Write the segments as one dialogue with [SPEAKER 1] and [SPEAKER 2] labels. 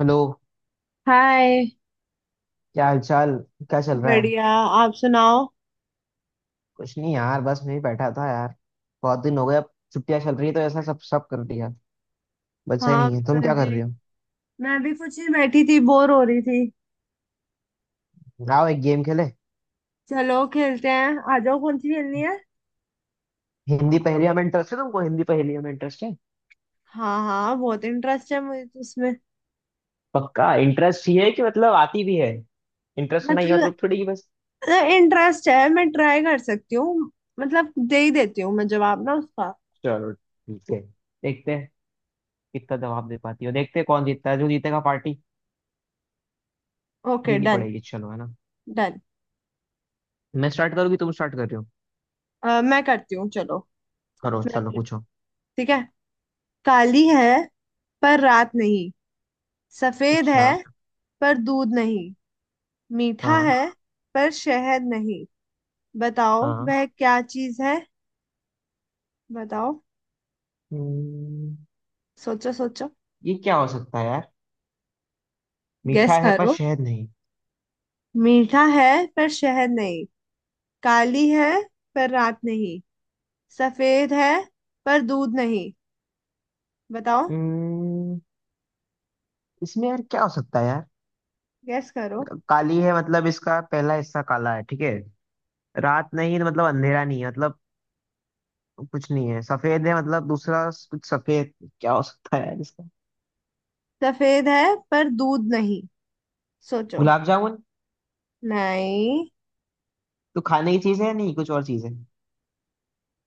[SPEAKER 1] Hello.
[SPEAKER 2] Hi.
[SPEAKER 1] क्या हालचाल? क्या चल रहा है?
[SPEAKER 2] बढ़िया, आप सुनाओ।
[SPEAKER 1] कुछ नहीं यार, बस मैं ही बैठा था यार। बहुत दिन हो गए, अब छुट्टियां चल रही है तो ऐसा सब सब कर दिया। बचा ही
[SPEAKER 2] हाँ,
[SPEAKER 1] नहीं है। तुम
[SPEAKER 2] मैं
[SPEAKER 1] क्या
[SPEAKER 2] भी
[SPEAKER 1] कर रहे हो?
[SPEAKER 2] मैं भी कुछ ही बैठी थी, बोर हो रही थी।
[SPEAKER 1] आओ, एक गेम खेले।
[SPEAKER 2] चलो, खेलते हैं, आ जाओ, कौन सी खेलनी है?
[SPEAKER 1] हिंदी पहेलियां में इंटरेस्ट है तुमको? हिंदी पहेलियां में इंटरेस्ट है?
[SPEAKER 2] हाँ, हाँ, बहुत इंटरेस्ट है मुझे तो उसमें।
[SPEAKER 1] पक्का इंटरेस्ट? ये है कि मतलब आती भी है? इंटरेस्ट होना ये
[SPEAKER 2] मतलब,
[SPEAKER 1] मतलब थोड़ी कि बस।
[SPEAKER 2] इंटरेस्ट है, मैं ट्राई कर सकती हूँ। मतलब, दे ही देती हूँ मैं जवाब ना उसका।
[SPEAKER 1] चलो ठीक है, देखते हैं। कितना जवाब दे पाती हो देखते हैं, कौन जीतता है, जो जीतेगा पार्टी
[SPEAKER 2] ओके।
[SPEAKER 1] देनी
[SPEAKER 2] डन।
[SPEAKER 1] पड़ेगी। चलो है ना।
[SPEAKER 2] डन।
[SPEAKER 1] मैं स्टार्ट करूँ कि तुम स्टार्ट कर रहे हो?
[SPEAKER 2] मैं करती हूँ, चलो।
[SPEAKER 1] करो,
[SPEAKER 2] मैं
[SPEAKER 1] चलो
[SPEAKER 2] खेल-
[SPEAKER 1] पूछो।
[SPEAKER 2] ठीक है। काली है पर रात नहीं। सफेद है
[SPEAKER 1] अच्छा।
[SPEAKER 2] पर दूध नहीं। मीठा
[SPEAKER 1] हाँ
[SPEAKER 2] है पर शहद नहीं। बताओ,
[SPEAKER 1] हाँ।
[SPEAKER 2] वह क्या चीज है? बताओ।
[SPEAKER 1] हम्म,
[SPEAKER 2] सोचो, सोचो।
[SPEAKER 1] ये क्या हो सकता है यार?
[SPEAKER 2] गेस
[SPEAKER 1] मीठा है पर
[SPEAKER 2] करो।
[SPEAKER 1] शहद नहीं।
[SPEAKER 2] मीठा है पर शहद नहीं। काली है पर रात नहीं। सफेद है पर दूध नहीं। बताओ।
[SPEAKER 1] हम्म, इसमें यार क्या हो सकता है यार?
[SPEAKER 2] गेस करो।
[SPEAKER 1] काली है मतलब, इसका पहला हिस्सा काला है ठीक है। रात नहीं तो मतलब अंधेरा नहीं है मतलब। कुछ नहीं है, सफेद है मतलब दूसरा कुछ सफेद। क्या हो सकता है यार इसका?
[SPEAKER 2] सफेद है पर दूध नहीं। सोचो।
[SPEAKER 1] गुलाब जामुन।
[SPEAKER 2] नहीं।
[SPEAKER 1] तो खाने की चीज है नहीं? कुछ और चीज है?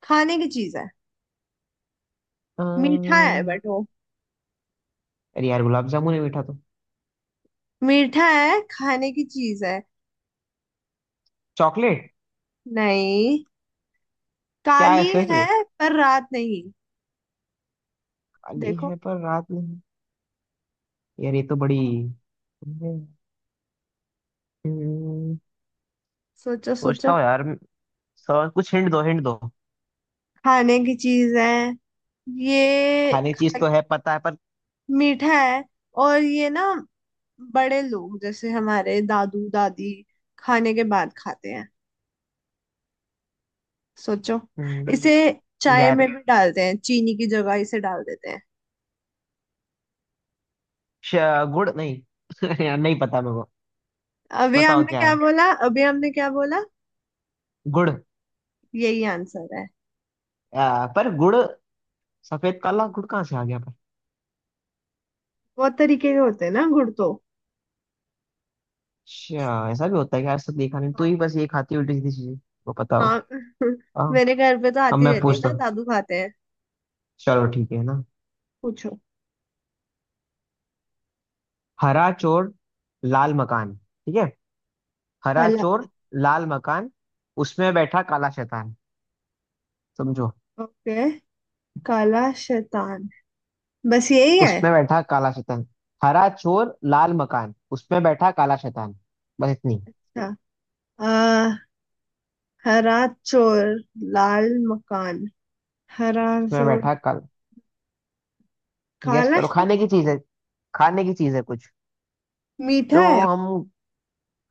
[SPEAKER 2] खाने की चीज है। मीठा है,
[SPEAKER 1] अम्म,
[SPEAKER 2] बट वो।
[SPEAKER 1] अरे यार गुलाब जामुन है, मीठा तो।
[SPEAKER 2] मीठा है, खाने की चीज है।
[SPEAKER 1] चॉकलेट।
[SPEAKER 2] नहीं।
[SPEAKER 1] क्या है
[SPEAKER 2] काली
[SPEAKER 1] फिर?
[SPEAKER 2] है पर रात नहीं।
[SPEAKER 1] काली
[SPEAKER 2] देखो।
[SPEAKER 1] है पर रात नहीं। यार ये तो बड़ी। हम्म,
[SPEAKER 2] सोचो,
[SPEAKER 1] सोचता
[SPEAKER 2] सोचो।
[SPEAKER 1] हूँ यार। सर कुछ हिंट दो, हिंट दो।
[SPEAKER 2] खाने की चीज है। ये
[SPEAKER 1] खाने की चीज
[SPEAKER 2] खा-
[SPEAKER 1] तो है पता है, पर।
[SPEAKER 2] मीठा है। और ये ना, बड़े लोग जैसे हमारे दादू दादी खाने के बाद खाते हैं। सोचो। इसे
[SPEAKER 1] हम्म,
[SPEAKER 2] चाय
[SPEAKER 1] यार
[SPEAKER 2] में भी डालते हैं, चीनी की जगह इसे डाल देते हैं।
[SPEAKER 1] श, गुड़ नहीं। यार नहीं पता मेरे को।
[SPEAKER 2] अभी
[SPEAKER 1] बताओ
[SPEAKER 2] हमने
[SPEAKER 1] क्या
[SPEAKER 2] क्या
[SPEAKER 1] है।
[SPEAKER 2] बोला? अभी हमने क्या बोला?
[SPEAKER 1] गुड़।
[SPEAKER 2] यही आंसर है।
[SPEAKER 1] पर गुड़। सफेद काला गुड़ कहाँ से आ गया पर?
[SPEAKER 2] बहुत तरीके के होते हैं ना गुड़ तो।
[SPEAKER 1] अच्छा, ऐसा भी होता है कि आज तक देखा नहीं, तू
[SPEAKER 2] हाँ।
[SPEAKER 1] ही बस ये खाती उल्टी सीधी चीजें। वो पता हो।
[SPEAKER 2] हाँ।
[SPEAKER 1] हाँ।
[SPEAKER 2] मेरे घर पे तो
[SPEAKER 1] अब
[SPEAKER 2] आती
[SPEAKER 1] मैं
[SPEAKER 2] रहती है
[SPEAKER 1] पूछता
[SPEAKER 2] ना,
[SPEAKER 1] हूँ।
[SPEAKER 2] दादू खाते हैं।
[SPEAKER 1] चलो ठीक है ना।
[SPEAKER 2] पूछो।
[SPEAKER 1] हरा चोर लाल मकान, ठीक है। हरा
[SPEAKER 2] काला।
[SPEAKER 1] चोर लाल मकान उसमें बैठा काला शैतान। समझो।
[SPEAKER 2] ओके। काला शैतान। बस यही है।
[SPEAKER 1] उसमें बैठा काला शैतान। हरा चोर लाल मकान उसमें बैठा काला शैतान। बस इतनी।
[SPEAKER 2] अच्छा। आ, हरा चोर, लाल मकान। हरा
[SPEAKER 1] उसमें
[SPEAKER 2] चोर।
[SPEAKER 1] बैठा काल। गेस
[SPEAKER 2] काला
[SPEAKER 1] करो, खाने
[SPEAKER 2] शक्कर।
[SPEAKER 1] की चीज है। खाने की चीज है कुछ।
[SPEAKER 2] मीठा
[SPEAKER 1] जो
[SPEAKER 2] है।
[SPEAKER 1] हम।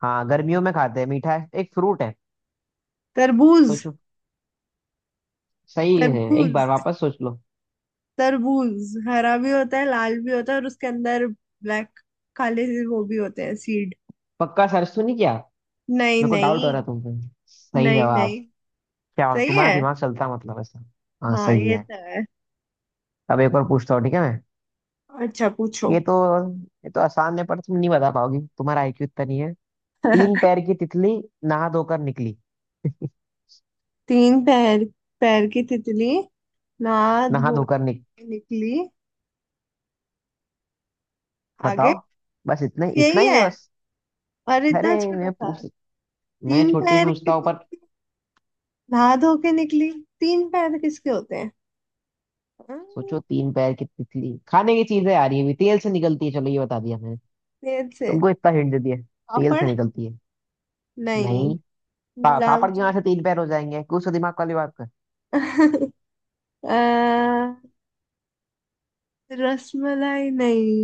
[SPEAKER 1] हाँ, गर्मियों में खाते हैं, मीठा है, एक फ्रूट है।
[SPEAKER 2] तरबूज।
[SPEAKER 1] सोचो। सही है, एक बार
[SPEAKER 2] तरबूज।
[SPEAKER 1] वापस सोच लो।
[SPEAKER 2] तरबूज हरा भी होता है, लाल भी होता है, और उसके अंदर ब्लैक, काले से वो भी होते हैं, सीड।
[SPEAKER 1] पक्का सर्च तो नहीं किया?
[SPEAKER 2] नहीं,
[SPEAKER 1] मेरे को डाउट हो
[SPEAKER 2] नहीं।
[SPEAKER 1] रहा है तुम पे। सही
[SPEAKER 2] नहीं,
[SPEAKER 1] जवाब।
[SPEAKER 2] नहीं।
[SPEAKER 1] क्या
[SPEAKER 2] सही
[SPEAKER 1] तुम्हारा
[SPEAKER 2] है।
[SPEAKER 1] दिमाग चलता मतलब ऐसा? हाँ
[SPEAKER 2] हाँ,
[SPEAKER 1] सही
[SPEAKER 2] ये
[SPEAKER 1] है।
[SPEAKER 2] तो है।
[SPEAKER 1] अब एक और पूछता हूँ, ठीक है मैं?
[SPEAKER 2] अच्छा, पूछो।
[SPEAKER 1] ये तो। ये तो आसान है पर तुम नहीं बता पाओगी, तुम्हारा आईक्यू इतना नहीं है। तीन पैर की तितली, नहा धोकर निकली।
[SPEAKER 2] तीन पैर। पैर की तितली। ना।
[SPEAKER 1] नहा
[SPEAKER 2] धो
[SPEAKER 1] धोकर निक।
[SPEAKER 2] के निकली। आगे?
[SPEAKER 1] बताओ। बस इतना
[SPEAKER 2] बस
[SPEAKER 1] इतना
[SPEAKER 2] यही
[SPEAKER 1] ही है
[SPEAKER 2] है?
[SPEAKER 1] बस।
[SPEAKER 2] और
[SPEAKER 1] अरे
[SPEAKER 2] इतना छोटा
[SPEAKER 1] मैं
[SPEAKER 2] सा?
[SPEAKER 1] पूछ। मैं
[SPEAKER 2] तीन
[SPEAKER 1] छोटी
[SPEAKER 2] पैर की
[SPEAKER 1] पूछता हूँ पर।
[SPEAKER 2] नहा धो के निकली। तीन पैर किसके होते हैं? हम्म,
[SPEAKER 1] सोचो, तीन पैर की तितली, खाने की चीज है यार, ये भी तेल से निकलती है, चलो ये बता दिया मैंने।
[SPEAKER 2] पेड़ से।
[SPEAKER 1] तुमको इतना हिंट दे दिया। तेल से
[SPEAKER 2] पापड़।
[SPEAKER 1] निकलती है।
[SPEAKER 2] नहीं।
[SPEAKER 1] नहीं। पापड़
[SPEAKER 2] गुलाब
[SPEAKER 1] की वहां से तीन पैर हो जाएंगे? कुछ तो दिमाग वाली बात कर।
[SPEAKER 2] जामुन। अ, रसमलाई नहीं?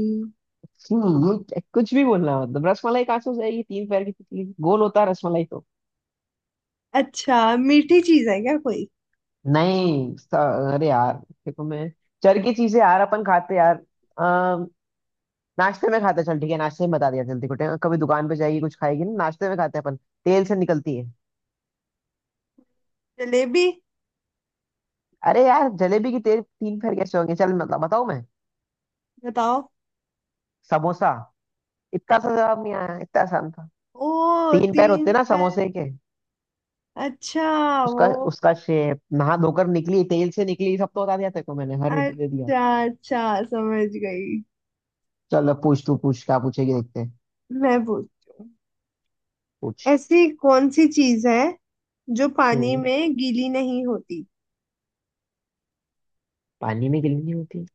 [SPEAKER 1] कुछ भी बोलना मतलब, रसमलाई कहाँ से हो जाएगी? तीन पैर की तितली, गोल होता है रसमलाई तो।
[SPEAKER 2] अच्छा, मीठी चीज है क्या कोई?
[SPEAKER 1] नहीं, अरे यार। देखो मैं। चर की चीजें यार, अपन खाते यार। नाश्ते में खाते हैं, चल ठीक है, नाश्ते में बता दिया जल्दी को कभी दुकान पे जाएगी कुछ खाएगी ना, नाश्ते में खाते हैं अपन। तेल से निकलती है।
[SPEAKER 2] जलेबी।
[SPEAKER 1] अरे यार जलेबी की तेल तीन पैर कैसे होंगे? चल मतलब बताऊं मैं?
[SPEAKER 2] बताओ।
[SPEAKER 1] समोसा। इतना सा जवाब नहीं आया, इतना आसान था।
[SPEAKER 2] ओ,
[SPEAKER 1] तीन पैर होते
[SPEAKER 2] तीन
[SPEAKER 1] ना
[SPEAKER 2] पैर।
[SPEAKER 1] समोसे के।
[SPEAKER 2] अच्छा। वो।
[SPEAKER 1] उसका। उसका शेप, नहा धोकर निकली, तेल से निकली, सब तो बता दिया तेरे को मैंने, हर हिंट दे दिया।
[SPEAKER 2] अच्छा, अच्छा, समझ गई।
[SPEAKER 1] चल अब पूछ, तू पूछ, क्या पूछेगी देखते हैं।
[SPEAKER 2] मैं पूछती हूँ।
[SPEAKER 1] पूछ।
[SPEAKER 2] ऐसी कौन सी चीज है जो पानी
[SPEAKER 1] हम्म।
[SPEAKER 2] में गीली नहीं होती?
[SPEAKER 1] पानी में गिली नहीं होती।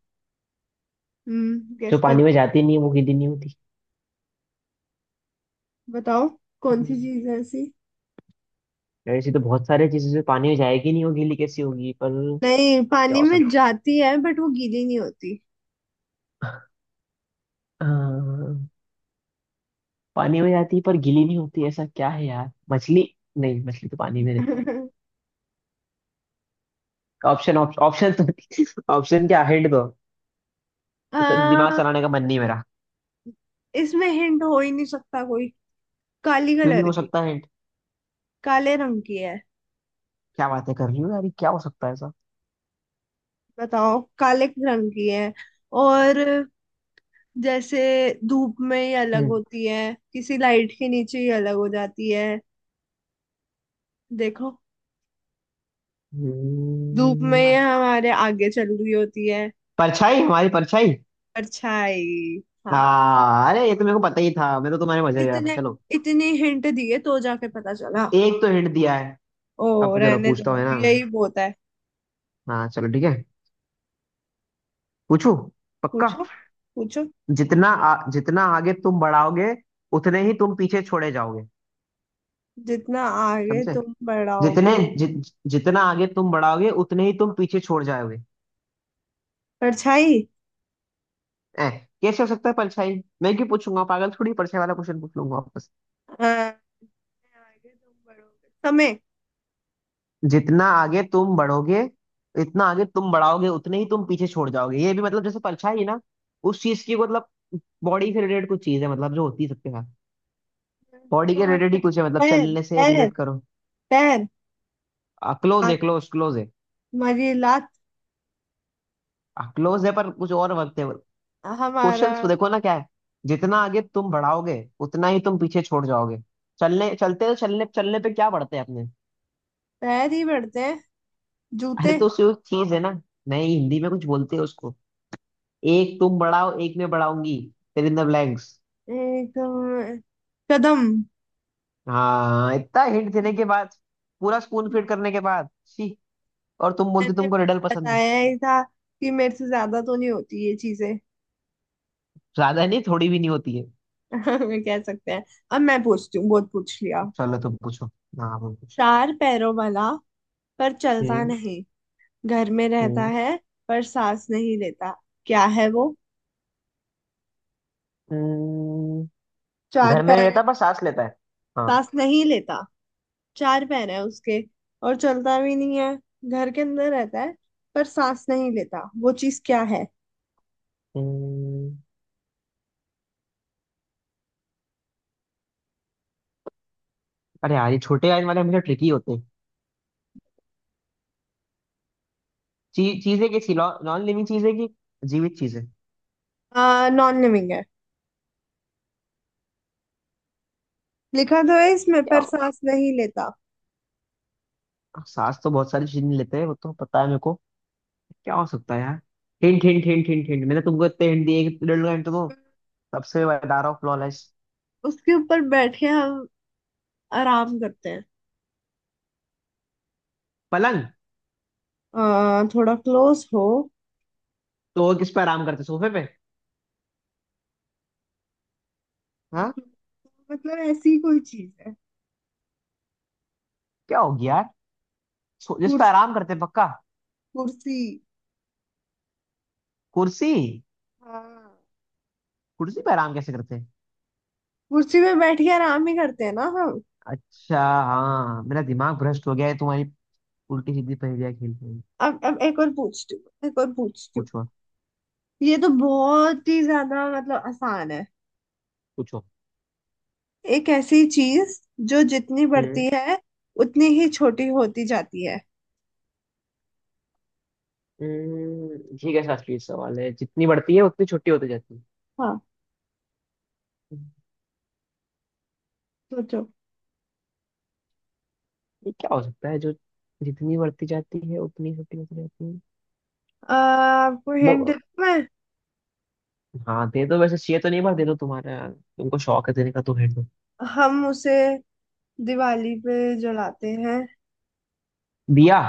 [SPEAKER 1] जो
[SPEAKER 2] गेस।
[SPEAKER 1] पानी में जाती नहीं है वो गीली नहीं होती।
[SPEAKER 2] बताओ, कौन सी
[SPEAKER 1] हम्म,
[SPEAKER 2] चीज है ऐसी?
[SPEAKER 1] ऐसी तो बहुत सारी चीजें जो पानी में जाएगी नहीं, वो गीली कैसी होगी पर?
[SPEAKER 2] नहीं,
[SPEAKER 1] क्या
[SPEAKER 2] पानी
[SPEAKER 1] हो।
[SPEAKER 2] में जाती है बट वो गीली नहीं होती।
[SPEAKER 1] अ, पानी में जाती है पर गीली नहीं होती? ऐसा क्या है यार? मछली? नहीं मछली तो पानी में रहती है, ऑप्शन ऑप्शन तो। ऑप्शन क्या, हिंट दो। तो दिमाग
[SPEAKER 2] आ,
[SPEAKER 1] चलाने का मन नहीं मेरा।
[SPEAKER 2] इसमें हिंट हो ही नहीं सकता कोई। काली
[SPEAKER 1] क्यों नहीं
[SPEAKER 2] कलर
[SPEAKER 1] हो
[SPEAKER 2] की।
[SPEAKER 1] सकता हिंट?
[SPEAKER 2] काले रंग की है।
[SPEAKER 1] क्या बातें कर रही हो यार? ये क्या हो सकता है ऐसा?
[SPEAKER 2] बताओ, काले रंग की है। और, जैसे, धूप में ही अलग
[SPEAKER 1] हम्म।
[SPEAKER 2] होती है, किसी लाइट के नीचे ही अलग हो जाती है। देखो, धूप में ही
[SPEAKER 1] हम्म,
[SPEAKER 2] हमारे आगे चल रही होती है।
[SPEAKER 1] परछाई, हमारी परछाई।
[SPEAKER 2] परछाई। हाँ।
[SPEAKER 1] हाँ, अरे ये तो मेरे को पता ही था, मैं तो तुम्हारे मजे ले रहा था,
[SPEAKER 2] इतने,
[SPEAKER 1] चलो।
[SPEAKER 2] इतने हिंट दिए तो जाके पता चला।
[SPEAKER 1] एक तो हिंट दिया है।
[SPEAKER 2] ओ,
[SPEAKER 1] अब चलो
[SPEAKER 2] रहने
[SPEAKER 1] पूछता हूँ
[SPEAKER 2] दो,
[SPEAKER 1] है ना मैं।
[SPEAKER 2] यही बहुत है।
[SPEAKER 1] हाँ चलो ठीक है। पूछू। पक्का।
[SPEAKER 2] पूछो, पूछो।
[SPEAKER 1] जितना आगे तुम बढ़ाओगे उतने ही तुम पीछे छोड़े जाओगे।
[SPEAKER 2] जितना आगे
[SPEAKER 1] समझे?
[SPEAKER 2] तुम
[SPEAKER 1] जितने
[SPEAKER 2] बढ़ाओगे?
[SPEAKER 1] जि, जितना आगे तुम बढ़ाओगे उतने ही तुम पीछे छोड़ जाओगे।
[SPEAKER 2] परछाई।
[SPEAKER 1] ए, कैसे हो सकता है परछाई? मैं क्यों पूछूंगा, पागल थोड़ी परछाई वाला क्वेश्चन पूछ लूंगा वापस।
[SPEAKER 2] अ, आगे तुम बढ़ोगे, समय?
[SPEAKER 1] जितना आगे तुम बढ़ोगे। इतना आगे तुम बढ़ाओगे उतने ही तुम पीछे छोड़ जाओगे, ये भी मतलब जैसे परछाई है ना। उस चीज की मतलब। बॉडी से रिलेटेड कुछ चीज है, मतलब जो होती है सबके साथ। बॉडी
[SPEAKER 2] जितना
[SPEAKER 1] के रिलेटेड
[SPEAKER 2] आगे-
[SPEAKER 1] ही कुछ है, मतलब
[SPEAKER 2] पैर।
[SPEAKER 1] चलने से
[SPEAKER 2] पैर।
[SPEAKER 1] रिलेट करो।
[SPEAKER 2] पैर।
[SPEAKER 1] क्लोज
[SPEAKER 2] हाथ।
[SPEAKER 1] है, क्लोज क्लोज है।
[SPEAKER 2] हमारी लात।
[SPEAKER 1] क्लोज है पर कुछ और वक्त है।
[SPEAKER 2] हमारा
[SPEAKER 1] क्वेश्चंस देखो ना क्या है। जितना आगे तुम बढ़ाओगे उतना ही तुम पीछे छोड़ जाओगे। चलने चलते तो चलने चलने पे क्या बढ़ते हैं अपने?
[SPEAKER 2] पैर ही बढ़ते हैं।
[SPEAKER 1] अरे
[SPEAKER 2] जूते।
[SPEAKER 1] तो सिर्फ चीज है ना। नहीं, हिंदी में कुछ बोलते हैं उसको। एक तुम बढ़ाओ, एक मैं बढ़ाऊंगी। फिर इन द ब्लैंक्स।
[SPEAKER 2] एक, कदम।
[SPEAKER 1] हाँ, इतना हिंट देने के बाद। पूरा स्पून फीड करने के बाद छी। और तुम बोलते
[SPEAKER 2] मैंने
[SPEAKER 1] तुमको रिडल पसंद है।
[SPEAKER 2] बताया ही था कि मेरे से ज्यादा तो नहीं होती ये चीजें।
[SPEAKER 1] ज्यादा नहीं, थोड़ी भी नहीं होती है।
[SPEAKER 2] कह सकते हैं। अब मैं पूछती हूँ, बहुत पूछ लिया।
[SPEAKER 1] चलो तुम पूछो। हाँ तुम पूछो।
[SPEAKER 2] चार पैरों वाला पर चलता
[SPEAKER 1] हम्म।
[SPEAKER 2] नहीं। घर में रहता
[SPEAKER 1] हम्म।
[SPEAKER 2] है पर सांस नहीं लेता। क्या है वो?
[SPEAKER 1] हम्म।
[SPEAKER 2] चार
[SPEAKER 1] घर में नहीं
[SPEAKER 2] पैर है।
[SPEAKER 1] रहता पर सांस लेता है? हाँ।
[SPEAKER 2] सांस नहीं लेता। चार पैर है उसके, और चलता भी नहीं है। घर के अंदर रहता है, पर सांस नहीं लेता। वो चीज क्या है?
[SPEAKER 1] हम्म अरे यार ये छोटे आयन वाले हमेशा ट्रिकी होते हैं। चीजें कैसी, नॉन लिविंग चीजें की? जीवित चीजें
[SPEAKER 2] नॉन लिविंग है। लिखा तो है इसमें,
[SPEAKER 1] क्या?
[SPEAKER 2] पर सांस नहीं लेता।
[SPEAKER 1] सांस तो बहुत सारी चीजें लेते हैं वो तो पता है मेरे को। क्या हो सकता है यार? Hint hint hint hint hint, मैंने तुमको इतने हिंट दिए कि तुम हिंट दो। सबसे बता ऑफ फ्लॉलेस।
[SPEAKER 2] उसके ऊपर बैठ के हम आराम करते हैं।
[SPEAKER 1] पलंग।
[SPEAKER 2] थोड़ा क्लोज हो।
[SPEAKER 1] तो वो किस पे आराम करते? सोफे पे? हाँ।
[SPEAKER 2] मतलब, ऐसी ही कोई चीज है।
[SPEAKER 1] क्या हो गया यार? जिस पे
[SPEAKER 2] कुर्स,
[SPEAKER 1] आराम करते पक्का?
[SPEAKER 2] कुर्सी।
[SPEAKER 1] कुर्सी।
[SPEAKER 2] हाँ।
[SPEAKER 1] कुर्सी पे आराम कैसे करते?
[SPEAKER 2] कुर्सी पे बैठ के आराम ही करते हैं ना हम।
[SPEAKER 1] अच्छा। हाँ, मेरा दिमाग भ्रष्ट हो गया है तुम्हारी। उल्टी सीधी पहेलियां खेल खेल।
[SPEAKER 2] अब एक और पूछती हूँ, एक और पूछती हूँ।
[SPEAKER 1] पूछो।
[SPEAKER 2] ये तो बहुत ही ज्यादा, मतलब, आसान है।
[SPEAKER 1] पूछो।
[SPEAKER 2] एक ऐसी चीज जो जितनी बढ़ती है उतनी ही छोटी होती जाती है।
[SPEAKER 1] ठीक है, शास्त्रीय सवाल है, जितनी बढ़ती है उतनी छोटी होती जाती है।
[SPEAKER 2] हाँ।
[SPEAKER 1] हम्म,
[SPEAKER 2] सोचो।
[SPEAKER 1] ये क्या हो सकता है जो। जितनी बढ़ती जाती है उतनी छोटी होती जाती है।
[SPEAKER 2] आपको हिंट
[SPEAKER 1] वो।
[SPEAKER 2] में,
[SPEAKER 1] हाँ दे दो, वैसे चाहिए तो नहीं पर दे दो, तुम्हारा तुमको शौक है देने का तो दे दो।
[SPEAKER 2] हम उसे दिवाली पे जलाते हैं।
[SPEAKER 1] दिया।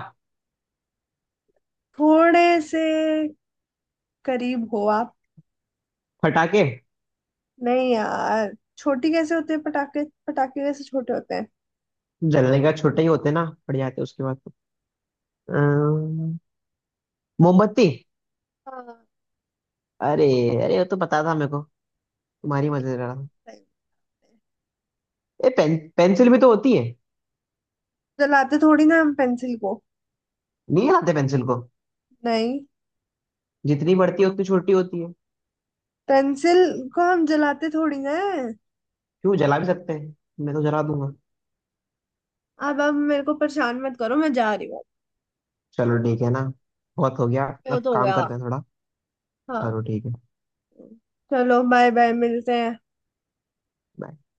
[SPEAKER 2] थोड़े से करीब हो आप।
[SPEAKER 1] फटाके।
[SPEAKER 2] नहीं यार। छोटी कैसे होते हैं पटाखे? पटाखे कैसे छोटे होते हैं?
[SPEAKER 1] जलने का छोटे ही होते ना, पड़ जाते उसके बाद तो। अम्म, मोमबत्ती।
[SPEAKER 2] हाँ।
[SPEAKER 1] अरे। अरे वो तो पता था मेरे को। तुम्हारी
[SPEAKER 2] ये
[SPEAKER 1] मजे ले रहा था।
[SPEAKER 2] सही होते हैं।
[SPEAKER 1] ए पेन पेंसिल भी तो होती है।
[SPEAKER 2] जलाते थोड़ी ना हम पेंसिल को।
[SPEAKER 1] नहीं आते पेंसिल को।
[SPEAKER 2] नहीं।
[SPEAKER 1] जितनी बढ़ती है उतनी छोटी होती है।
[SPEAKER 2] पेंसिल को हम जलाते थोड़ी ना है।
[SPEAKER 1] क्यों, जला भी सकते हैं। मैं तो जला दूंगा।
[SPEAKER 2] अब मेरे को परेशान मत करो, मैं जा रही हूँ।
[SPEAKER 1] चलो ठीक है ना। बहुत हो गया।
[SPEAKER 2] वो
[SPEAKER 1] अब
[SPEAKER 2] तो हो
[SPEAKER 1] काम
[SPEAKER 2] गया।
[SPEAKER 1] करते हैं थोड़ा।
[SPEAKER 2] हाँ।
[SPEAKER 1] चलो ठीक है।
[SPEAKER 2] चलो, बाय बाय, मिलते हैं।
[SPEAKER 1] bye.